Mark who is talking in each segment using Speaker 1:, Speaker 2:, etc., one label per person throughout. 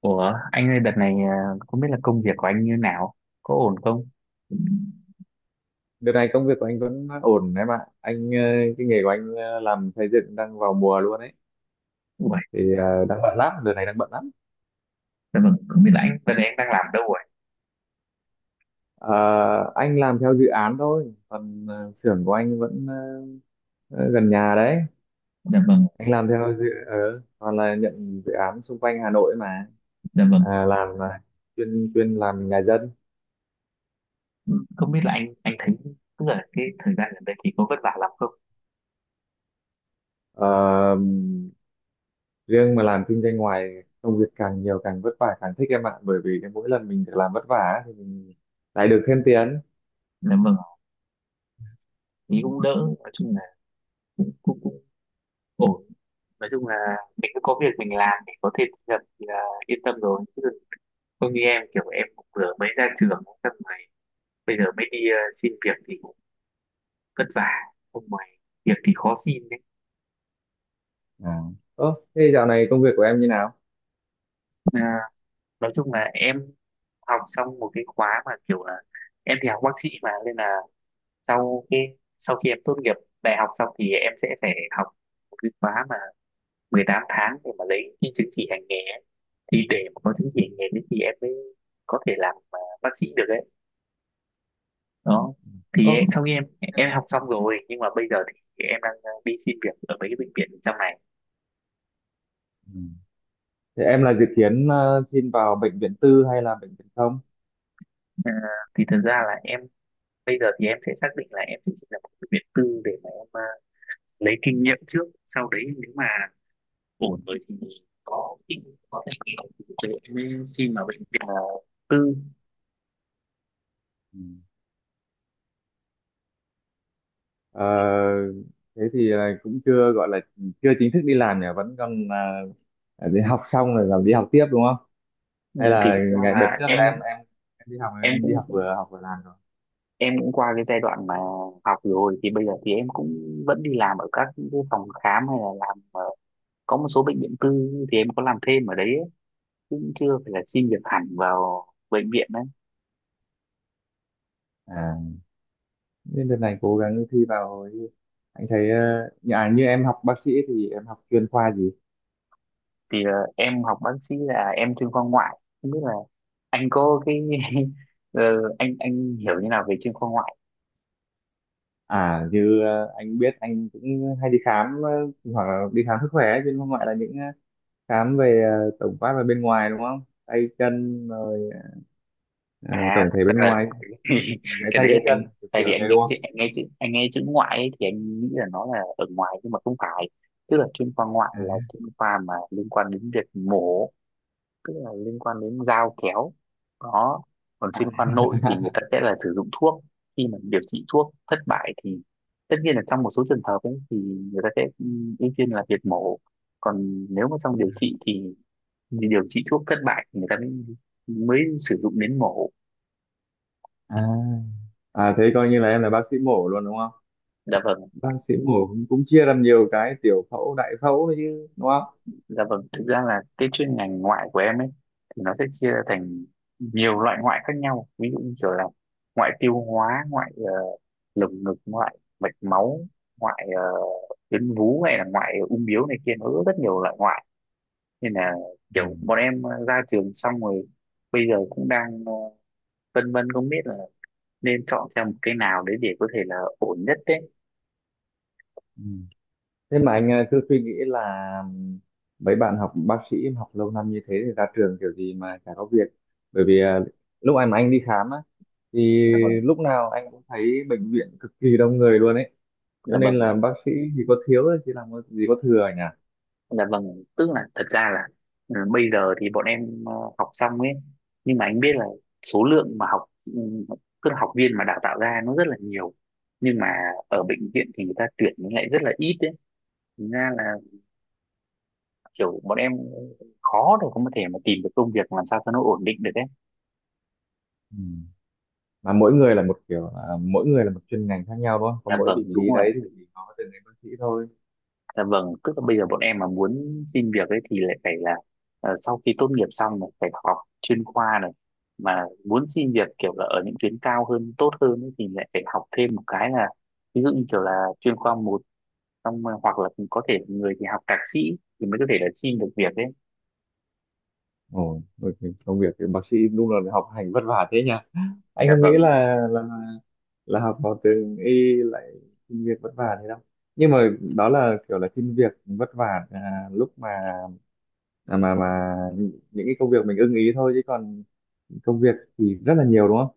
Speaker 1: Ủa, anh ơi đợt này không biết là công việc của anh như nào, có ổn không?
Speaker 2: Đợt này công việc của anh vẫn ổn em ạ. Anh cái nghề của anh làm xây dựng đang vào mùa luôn ấy.
Speaker 1: Ủa,
Speaker 2: Thì đang bận lắm, đợt này đang bận lắm.
Speaker 1: dạ vâng, không biết là đợt này anh đang làm đâu rồi?
Speaker 2: Ờ, anh làm theo dự án thôi, còn xưởng của anh vẫn gần nhà đấy.
Speaker 1: Dạ vâng,
Speaker 2: Anh làm theo toàn là nhận dự án xung quanh Hà Nội mà.
Speaker 1: dạ vâng,
Speaker 2: À, chuyên chuyên làm nhà dân.
Speaker 1: ừ, không biết là anh thấy tức là cái thời gian gần đây thì có vất vả lắm không?
Speaker 2: Ờ, Riêng mà làm kinh doanh ngoài công việc càng nhiều càng vất vả càng thích em ạ, bởi vì cái mỗi lần mình được làm vất vả thì mình lại được thêm tiền.
Speaker 1: Dạ vâng, ý cũng đỡ, nói chung là cũng cũng cũng ổn. Nói chung là mình cứ có việc mình làm thì có thể thu nhập thì là yên tâm rồi. Chứ không như em kiểu em cũng vừa mới ra trường xong rồi bây giờ mới đi xin việc thì cũng vất vả. Không ngoài việc thì khó xin đấy.
Speaker 2: À. Ơ, thế dạo này công việc của em như nào?
Speaker 1: À, nói chung là em học xong một cái khóa mà kiểu là em thì học bác sĩ mà nên là sau cái sau khi em tốt nghiệp đại học xong thì em sẽ phải học một cái khóa mà 18 tháng để mà lấy cái chứng chỉ hành nghề ấy. Thì để mà có chứng chỉ hành nghề đấy thì em mới có thể làm bác sĩ được ấy đó. Thì
Speaker 2: Ơ.
Speaker 1: sau khi em học xong rồi nhưng mà bây giờ thì em đang đi xin việc ở mấy cái bệnh viện trong này.
Speaker 2: Ừ. Thế em là dự kiến xin vào bệnh viện tư hay là bệnh viện công?
Speaker 1: Ờ, thì thật ra là em bây giờ thì em sẽ xác định là em sẽ xin vào một bệnh viện tư để mà em lấy kinh nghiệm trước sau đấy nếu mà ổn với thì có thể nghĩ thế nên khi mà bệnh viện là tư.
Speaker 2: Ừ. Ờ, Thế thì là cũng chưa gọi là chưa chính thức đi làm nhỉ, vẫn còn đi học xong rồi làm đi học tiếp đúng không?
Speaker 1: Ừ,
Speaker 2: Hay
Speaker 1: thì
Speaker 2: là
Speaker 1: thực ra
Speaker 2: ngày đợt
Speaker 1: là
Speaker 2: trước là em
Speaker 1: em
Speaker 2: em em
Speaker 1: em
Speaker 2: đi
Speaker 1: cũng
Speaker 2: học vừa làm rồi.
Speaker 1: em cũng qua cái giai đoạn mà học rồi thì bây giờ thì em cũng vẫn đi làm ở các cái phòng khám hay là có một số bệnh viện tư thì em có làm thêm ở đấy ấy, cũng chưa phải là xin việc hẳn vào bệnh viện đấy.
Speaker 2: À, nên đợt này cố gắng thi vào, anh thấy như em học bác sĩ thì em học chuyên khoa gì?
Speaker 1: Thì em học bác sĩ là em chuyên khoa ngoại không biết là anh có cái ờ, anh hiểu như nào về chuyên khoa ngoại.
Speaker 2: À, anh biết anh cũng hay đi khám, hoặc là đi khám sức khỏe ấy, chứ không phải là những khám về tổng quát về bên ngoài đúng không? Tay chân rồi ờ,
Speaker 1: À
Speaker 2: tổng
Speaker 1: thật
Speaker 2: thể bên
Speaker 1: ra là
Speaker 2: ngoài, rồi gãy
Speaker 1: cái
Speaker 2: tay
Speaker 1: đấy là
Speaker 2: gãy chân
Speaker 1: anh
Speaker 2: kiểu
Speaker 1: tại
Speaker 2: kiểu
Speaker 1: vì
Speaker 2: thế đúng không?
Speaker 1: anh nghe chữ ngoại ấy, thì anh nghĩ là nó là ở ngoài nhưng mà không phải, tức là chuyên khoa ngoại
Speaker 2: À,
Speaker 1: là chuyên khoa mà liên quan đến việc mổ, tức là liên quan đến dao kéo đó. Còn
Speaker 2: à,
Speaker 1: chuyên khoa nội thì người ta sẽ là sử dụng thuốc. Khi mà điều trị thuốc thất bại thì tất nhiên là trong một số trường hợp ấy, thì người ta sẽ ưu tiên là việc mổ. Còn nếu mà trong điều trị thì điều trị thuốc thất bại thì người ta mới mới sử dụng đến mổ.
Speaker 2: à, à, thế coi như là em là bác sĩ mổ luôn đúng không?
Speaker 1: Dạ vâng.
Speaker 2: Bác sĩ mổ cũng cũng chia làm nhiều cái tiểu phẫu đại phẫu đấy chứ đúng không?
Speaker 1: Dạ vâng, thực ra là cái chuyên ngành ngoại của em ấy thì nó sẽ chia ra thành nhiều loại ngoại khác nhau. Ví dụ như kiểu là ngoại tiêu hóa, ngoại lồng ngực, ngoại mạch máu, ngoại tuyến vú hay là ngoại ung bướu này kia nó rất rất nhiều loại ngoại. Nên là
Speaker 2: Ừ.
Speaker 1: kiểu bọn em ra trường xong rồi bây giờ cũng đang vân vân không biết là nên chọn theo một cái nào đấy để có thể là ổn nhất đấy.
Speaker 2: Ừ. Thế mà anh cứ suy nghĩ là mấy bạn học bác sĩ học lâu năm như thế thì ra trường kiểu gì mà chả có việc. Bởi vì lúc anh mà anh đi khám á, thì
Speaker 1: Dạ vâng,
Speaker 2: lúc nào anh cũng thấy bệnh viện cực kỳ đông người luôn ấy. Cho
Speaker 1: dạ
Speaker 2: nên
Speaker 1: vâng.
Speaker 2: là bác sĩ thì có thiếu thì gì có thừa nhỉ?
Speaker 1: Dạ vâng, tức là thật ra là bây giờ thì bọn em học xong ấy, nhưng mà anh biết là số lượng mà học tức là học viên mà đào tạo ra nó rất là nhiều. Nhưng mà ở bệnh viện thì người ta tuyển nó lại rất là ít ấy. Thành ra là kiểu bọn em khó để có thể mà tìm được công việc làm sao cho nó ổn định được ấy.
Speaker 2: Ừ. Mà mỗi người là một kiểu, à, mỗi người là một chuyên ngành khác nhau đúng không?
Speaker 1: Dạ
Speaker 2: Còn mỗi vị
Speaker 1: vâng, đúng
Speaker 2: trí
Speaker 1: rồi.
Speaker 2: đấy thì chỉ có từng người bác sĩ thôi.
Speaker 1: Dạ vâng, tức là bây giờ bọn em mà muốn xin việc ấy thì lại phải sau khi tốt nghiệp xong này phải học chuyên khoa này, mà muốn xin việc kiểu là ở những tuyến cao hơn tốt hơn ấy, thì lại phải học thêm một cái là ví dụ như kiểu là chuyên khoa một xong rồi hoặc là có thể người thì học thạc sĩ thì mới có thể là xin được việc ấy.
Speaker 2: Ồ, ok. Công việc thì bác sĩ đúng là học hành vất vả thế nhỉ? Anh
Speaker 1: Dạ
Speaker 2: không nghĩ
Speaker 1: vâng.
Speaker 2: là học vào trường y lại xin việc vất vả thế đâu, nhưng mà đó là kiểu là xin việc vất vả, lúc mà, mà những cái công việc mình ưng ý thôi, chứ còn công việc thì rất là nhiều đúng không?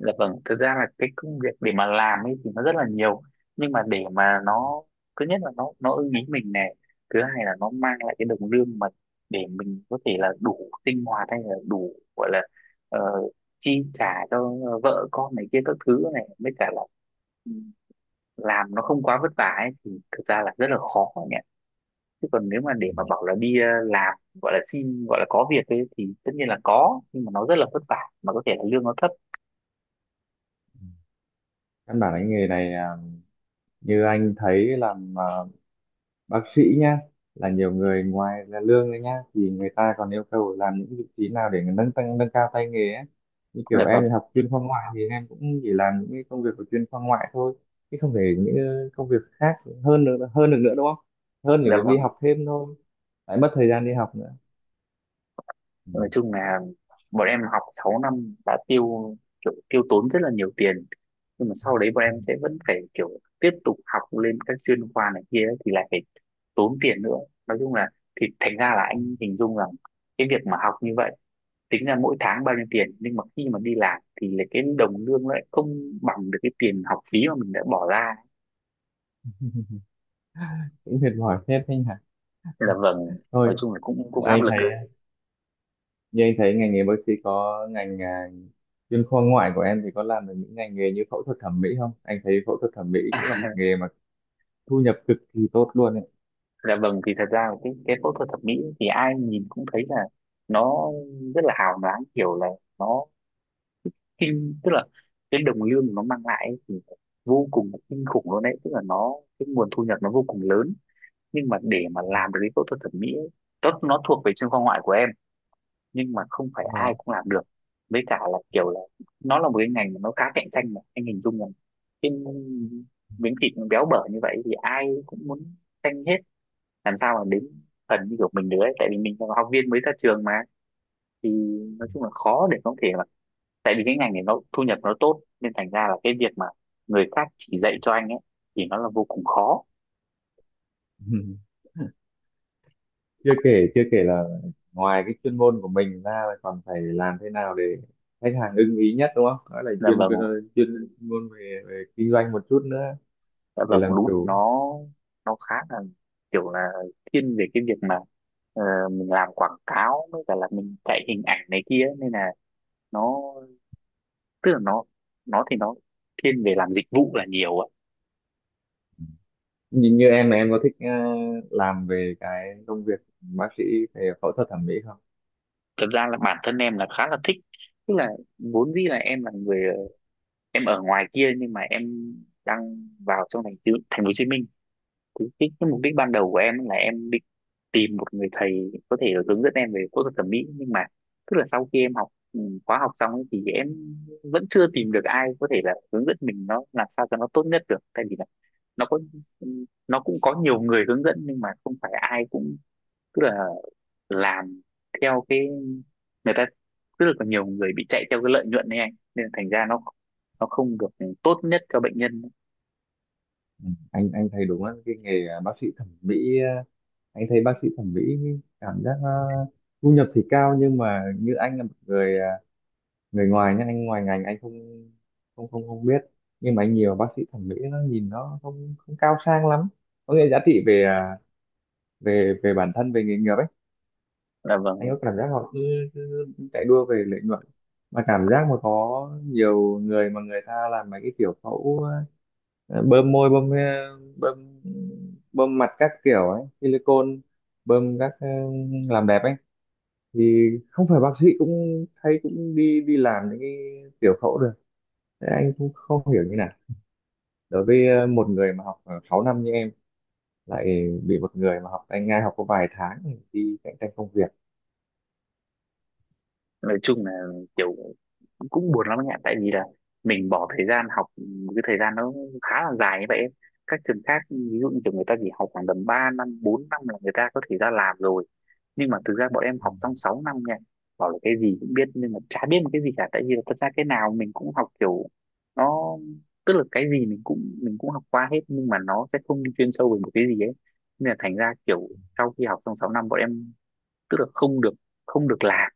Speaker 1: Dạ vâng, thực ra là cái công việc để mà làm ấy thì nó rất là nhiều nhưng mà để mà nó thứ nhất là nó ưng ý mình này thứ hai là nó mang lại cái đồng lương mà để mình có thể là đủ sinh hoạt hay là đủ gọi là ờ, chi trả cho vợ con này kia các thứ này mới cả là làm nó không quá vất vả ấy thì thực ra là rất là khó nhỉ, chứ còn nếu mà
Speaker 2: Ừ.
Speaker 1: để mà bảo là đi làm gọi là xin gọi là có việc ấy thì tất nhiên là có nhưng mà nó rất là vất vả mà có thể là lương nó thấp.
Speaker 2: Căn bản là cái nghề này, như anh thấy làm, bác sĩ nhá, là nhiều người ngoài là lương đấy nhá thì người ta còn yêu cầu làm những vị trí nào để nâng tăng nâng cao tay nghề ấy. Như
Speaker 1: Dạ
Speaker 2: kiểu em
Speaker 1: vâng.
Speaker 2: thì học chuyên khoa ngoại thì em cũng chỉ làm những cái công việc của chuyên khoa ngoại thôi, chứ không thể những công việc khác hơn được nữa đúng không? Hơn thì
Speaker 1: Dạ
Speaker 2: phải đi
Speaker 1: vâng,
Speaker 2: học thêm thôi, lại mất thời gian đi học nữa. Ừ.
Speaker 1: nói chung là bọn em học 6 năm đã kiểu tiêu tốn rất là nhiều tiền nhưng mà sau đấy bọn em sẽ vẫn phải kiểu tiếp tục học lên các chuyên khoa này kia ấy, thì lại phải tốn tiền nữa. Nói chung là thì thành ra là anh hình dung rằng cái việc mà học như vậy tính ra mỗi tháng bao nhiêu tiền nhưng mà khi mà đi làm thì lại cái đồng lương lại không bằng được cái tiền học phí mà mình đã bỏ ra.
Speaker 2: Cũng mệt mỏi hết anh hả?
Speaker 1: Nên là vâng,
Speaker 2: Thôi,
Speaker 1: nói chung là cũng
Speaker 2: thì
Speaker 1: cũng áp
Speaker 2: anh
Speaker 1: lực
Speaker 2: thấy,
Speaker 1: đấy.
Speaker 2: như anh thấy ngành nghề bác sĩ có chuyên khoa ngoại của em thì có làm được những ngành nghề như phẫu thuật thẩm mỹ không? Anh thấy phẫu thuật thẩm mỹ cũng là một nghề mà thu nhập cực kỳ tốt luôn ấy.
Speaker 1: Dạ vâng, thì thật ra là cái phẫu thuật thẩm mỹ thì ai nhìn cũng thấy là nó rất là hào nhoáng kiểu là nó tức là cái đồng lương nó mang lại ấy thì vô cùng kinh khủng luôn đấy tức là nó cái nguồn thu nhập nó vô cùng lớn. Nhưng mà để mà làm được cái phẫu thuật thẩm mỹ ấy, tốt nó thuộc về chuyên khoa ngoại của em nhưng mà không phải
Speaker 2: Đúng rồi.
Speaker 1: ai cũng làm được với cả là kiểu là nó là một cái ngành mà nó khá cạnh tranh mà anh hình dung là cái miếng thịt nó béo bở như vậy thì ai cũng muốn tranh hết làm sao mà đến phần như kiểu mình được ấy tại vì mình là học viên mới ra trường mà. Thì nói chung là khó để có thể mà tại vì cái ngành này nó thu nhập nó tốt nên thành ra là cái việc mà người khác chỉ dạy cho anh ấy thì nó là vô cùng khó.
Speaker 2: Chưa kể là ngoài cái chuyên môn của mình ra là còn phải làm thế nào để khách hàng ưng ý nhất đúng không? Đó là
Speaker 1: Là vâng ạ.
Speaker 2: chuyên môn về kinh doanh một chút nữa,
Speaker 1: Dạ
Speaker 2: để
Speaker 1: vâng
Speaker 2: làm
Speaker 1: đúng là
Speaker 2: chủ.
Speaker 1: nó khá là kiểu là thiên về cái việc mà ờ, mình làm quảng cáo với cả là mình chạy hình ảnh này kia ấy. Nên là nó tức là nó thì nó thiên về làm dịch vụ là nhiều ấy.
Speaker 2: Như em có thích, làm về cái công việc bác sĩ về phẫu thuật thẩm mỹ không?
Speaker 1: Thật ra là bản thân em là khá là thích tức là vốn dĩ là em là người em ở ngoài kia nhưng mà em đang vào trong thành phố Hồ Chí Minh. Cái mục đích ban đầu của em là em định tìm một người thầy có thể hướng dẫn em về phẫu thuật thẩm mỹ nhưng mà tức là sau khi em học ừ, khóa học xong ấy, thì em vẫn chưa tìm được ai có thể là hướng dẫn mình nó làm sao cho nó tốt nhất được tại vì là nó có nó cũng có nhiều người hướng dẫn nhưng mà không phải ai cũng tức là làm theo cái người ta rất là còn nhiều người bị chạy theo cái lợi nhuận này anh nên là thành ra nó không được tốt nhất cho bệnh nhân.
Speaker 2: Ừ, anh thấy đúng á, cái nghề, bác sĩ thẩm mỹ, à, anh thấy bác sĩ thẩm mỹ cảm giác, thu nhập thì cao, nhưng mà như anh là một người, người ngoài nhá, anh ngoài ngành, anh không không không không biết. Nhưng mà anh nhiều bác sĩ thẩm mỹ nó nhìn nó không không cao sang lắm, có nghĩa giá trị về, về bản thân, về nghề nghiệp ấy.
Speaker 1: Là
Speaker 2: Anh
Speaker 1: vâng,
Speaker 2: có cảm giác họ cứ chạy đua về lợi nhuận, mà cảm giác mà có nhiều người mà người ta làm mấy cái kiểu bơm môi, bơm bơm mặt các kiểu ấy silicone, bơm các làm đẹp ấy, thì không phải bác sĩ cũng thấy cũng đi đi làm những cái tiểu phẫu được. Thế anh cũng không hiểu như nào, đối với một người mà học 6 năm như em lại bị một người mà học, anh ngay, học có vài tháng thì đi cạnh tranh công việc.
Speaker 1: nói chung là kiểu cũng buồn lắm anh ạ tại vì là mình bỏ thời gian học cái thời gian nó khá là dài như vậy ấy. Các trường khác ví dụ như kiểu người ta chỉ học khoảng tầm 3 năm 4 năm là người ta có thể ra làm rồi nhưng mà thực ra bọn em
Speaker 2: Ừ.
Speaker 1: học trong 6 năm nha, bảo là cái gì cũng biết nhưng mà chả biết một cái gì cả tại vì là thật ra cái nào mình cũng học kiểu nó tức là cái gì mình cũng học qua hết nhưng mà nó sẽ không đi chuyên sâu về một cái gì ấy nên là thành ra kiểu sau khi học trong 6 năm bọn em tức là không được làm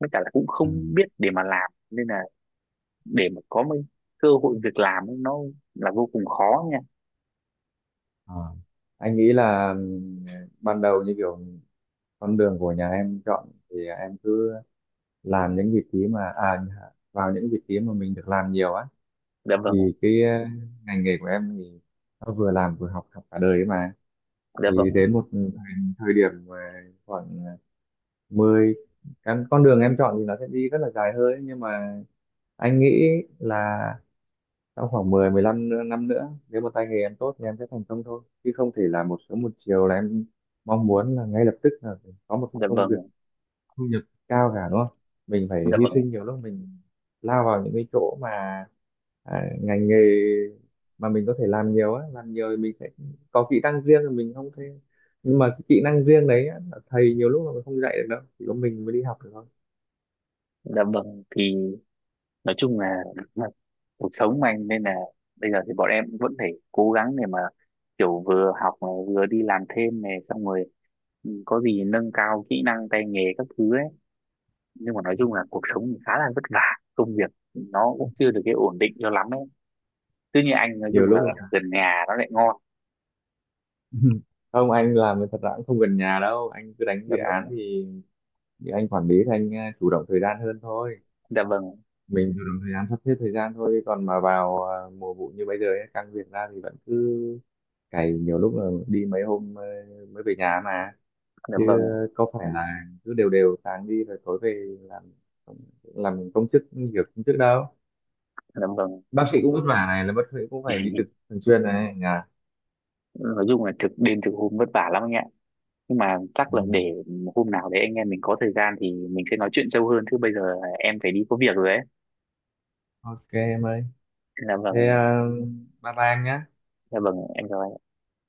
Speaker 1: với cả là cũng
Speaker 2: Ừ.
Speaker 1: không biết để mà làm nên là để mà có mấy cơ hội việc làm ấy, nó là vô cùng khó nha.
Speaker 2: Ờ, anh nghĩ là, ban đầu như kiểu con đường của nhà em chọn thì em cứ làm những vị trí vào những vị trí mà mình được làm nhiều á.
Speaker 1: Dạ vâng ạ.
Speaker 2: Thì cái ngành nghề của em thì nó vừa làm vừa học học cả đời ấy mà.
Speaker 1: Dạ vâng.
Speaker 2: Thì đến thời điểm mà khoảng ờ, 10 cái con đường em chọn thì nó sẽ đi rất là dài hơi, nhưng mà anh nghĩ là sau khoảng 15 năm nữa, nếu mà tay nghề em tốt thì em sẽ thành công thôi, chứ không thể là một sớm một chiều là em mong muốn là ngay lập tức là có một cái
Speaker 1: Dạ
Speaker 2: công
Speaker 1: vâng.
Speaker 2: việc thu nhập cao cả đúng không? Mình phải
Speaker 1: Dạ
Speaker 2: hy
Speaker 1: vâng.
Speaker 2: sinh, nhiều lúc mình lao vào những cái chỗ mà, ngành nghề mà mình có thể làm nhiều á, làm nhiều thì mình sẽ có kỹ năng riêng thì mình không thể. Nhưng mà cái kỹ năng riêng đấy á, là thầy nhiều lúc là mình không dạy được đâu, chỉ có mình mới đi học được thôi.
Speaker 1: Dạ vâng thì nói chung là là cuộc sống mà anh nên là bây giờ thì bọn em vẫn phải cố gắng để mà kiểu vừa học này vừa đi làm thêm này xong rồi, có gì nâng cao kỹ năng tay nghề các thứ ấy nhưng mà nói chung là cuộc sống thì khá là vất vả công việc nó cũng chưa được cái ổn định cho lắm ấy tuy nhiên anh nói
Speaker 2: Nhiều
Speaker 1: chung là
Speaker 2: lúc là.
Speaker 1: gần nhà nó lại ngon.
Speaker 2: Không, anh làm thì thật ra cũng không gần nhà đâu, anh cứ đánh
Speaker 1: Dạ
Speaker 2: dự án
Speaker 1: vâng.
Speaker 2: thì anh quản lý thì anh chủ động thời gian hơn thôi.
Speaker 1: Dạ vâng.
Speaker 2: Mình chủ động thời gian, sắp xếp thời gian thôi, còn mà vào mùa vụ như bây giờ ấy, căng việc ra thì vẫn cứ cày, nhiều lúc là đi mấy hôm mới về nhà mà,
Speaker 1: Dạ
Speaker 2: chứ
Speaker 1: vâng.
Speaker 2: có phải là cứ đều đều sáng đi rồi tối về làm công chức như kiểu công chức đâu.
Speaker 1: Dạ vâng.
Speaker 2: Bác sĩ cũng vất vả này, là bác sĩ cũng phải đi trực thường xuyên này nhà.
Speaker 1: Nói chung là thực đêm thực hôm vất vả lắm anh ạ nhưng mà chắc
Speaker 2: Ừ.
Speaker 1: là để hôm nào đấy anh em mình có thời gian thì mình sẽ nói chuyện sâu hơn chứ bây giờ em phải đi có việc rồi ấy.
Speaker 2: Ok em ơi.
Speaker 1: Dạ
Speaker 2: Thế
Speaker 1: vâng.
Speaker 2: bye bye em nhé.
Speaker 1: Dạ vâng em chào anh.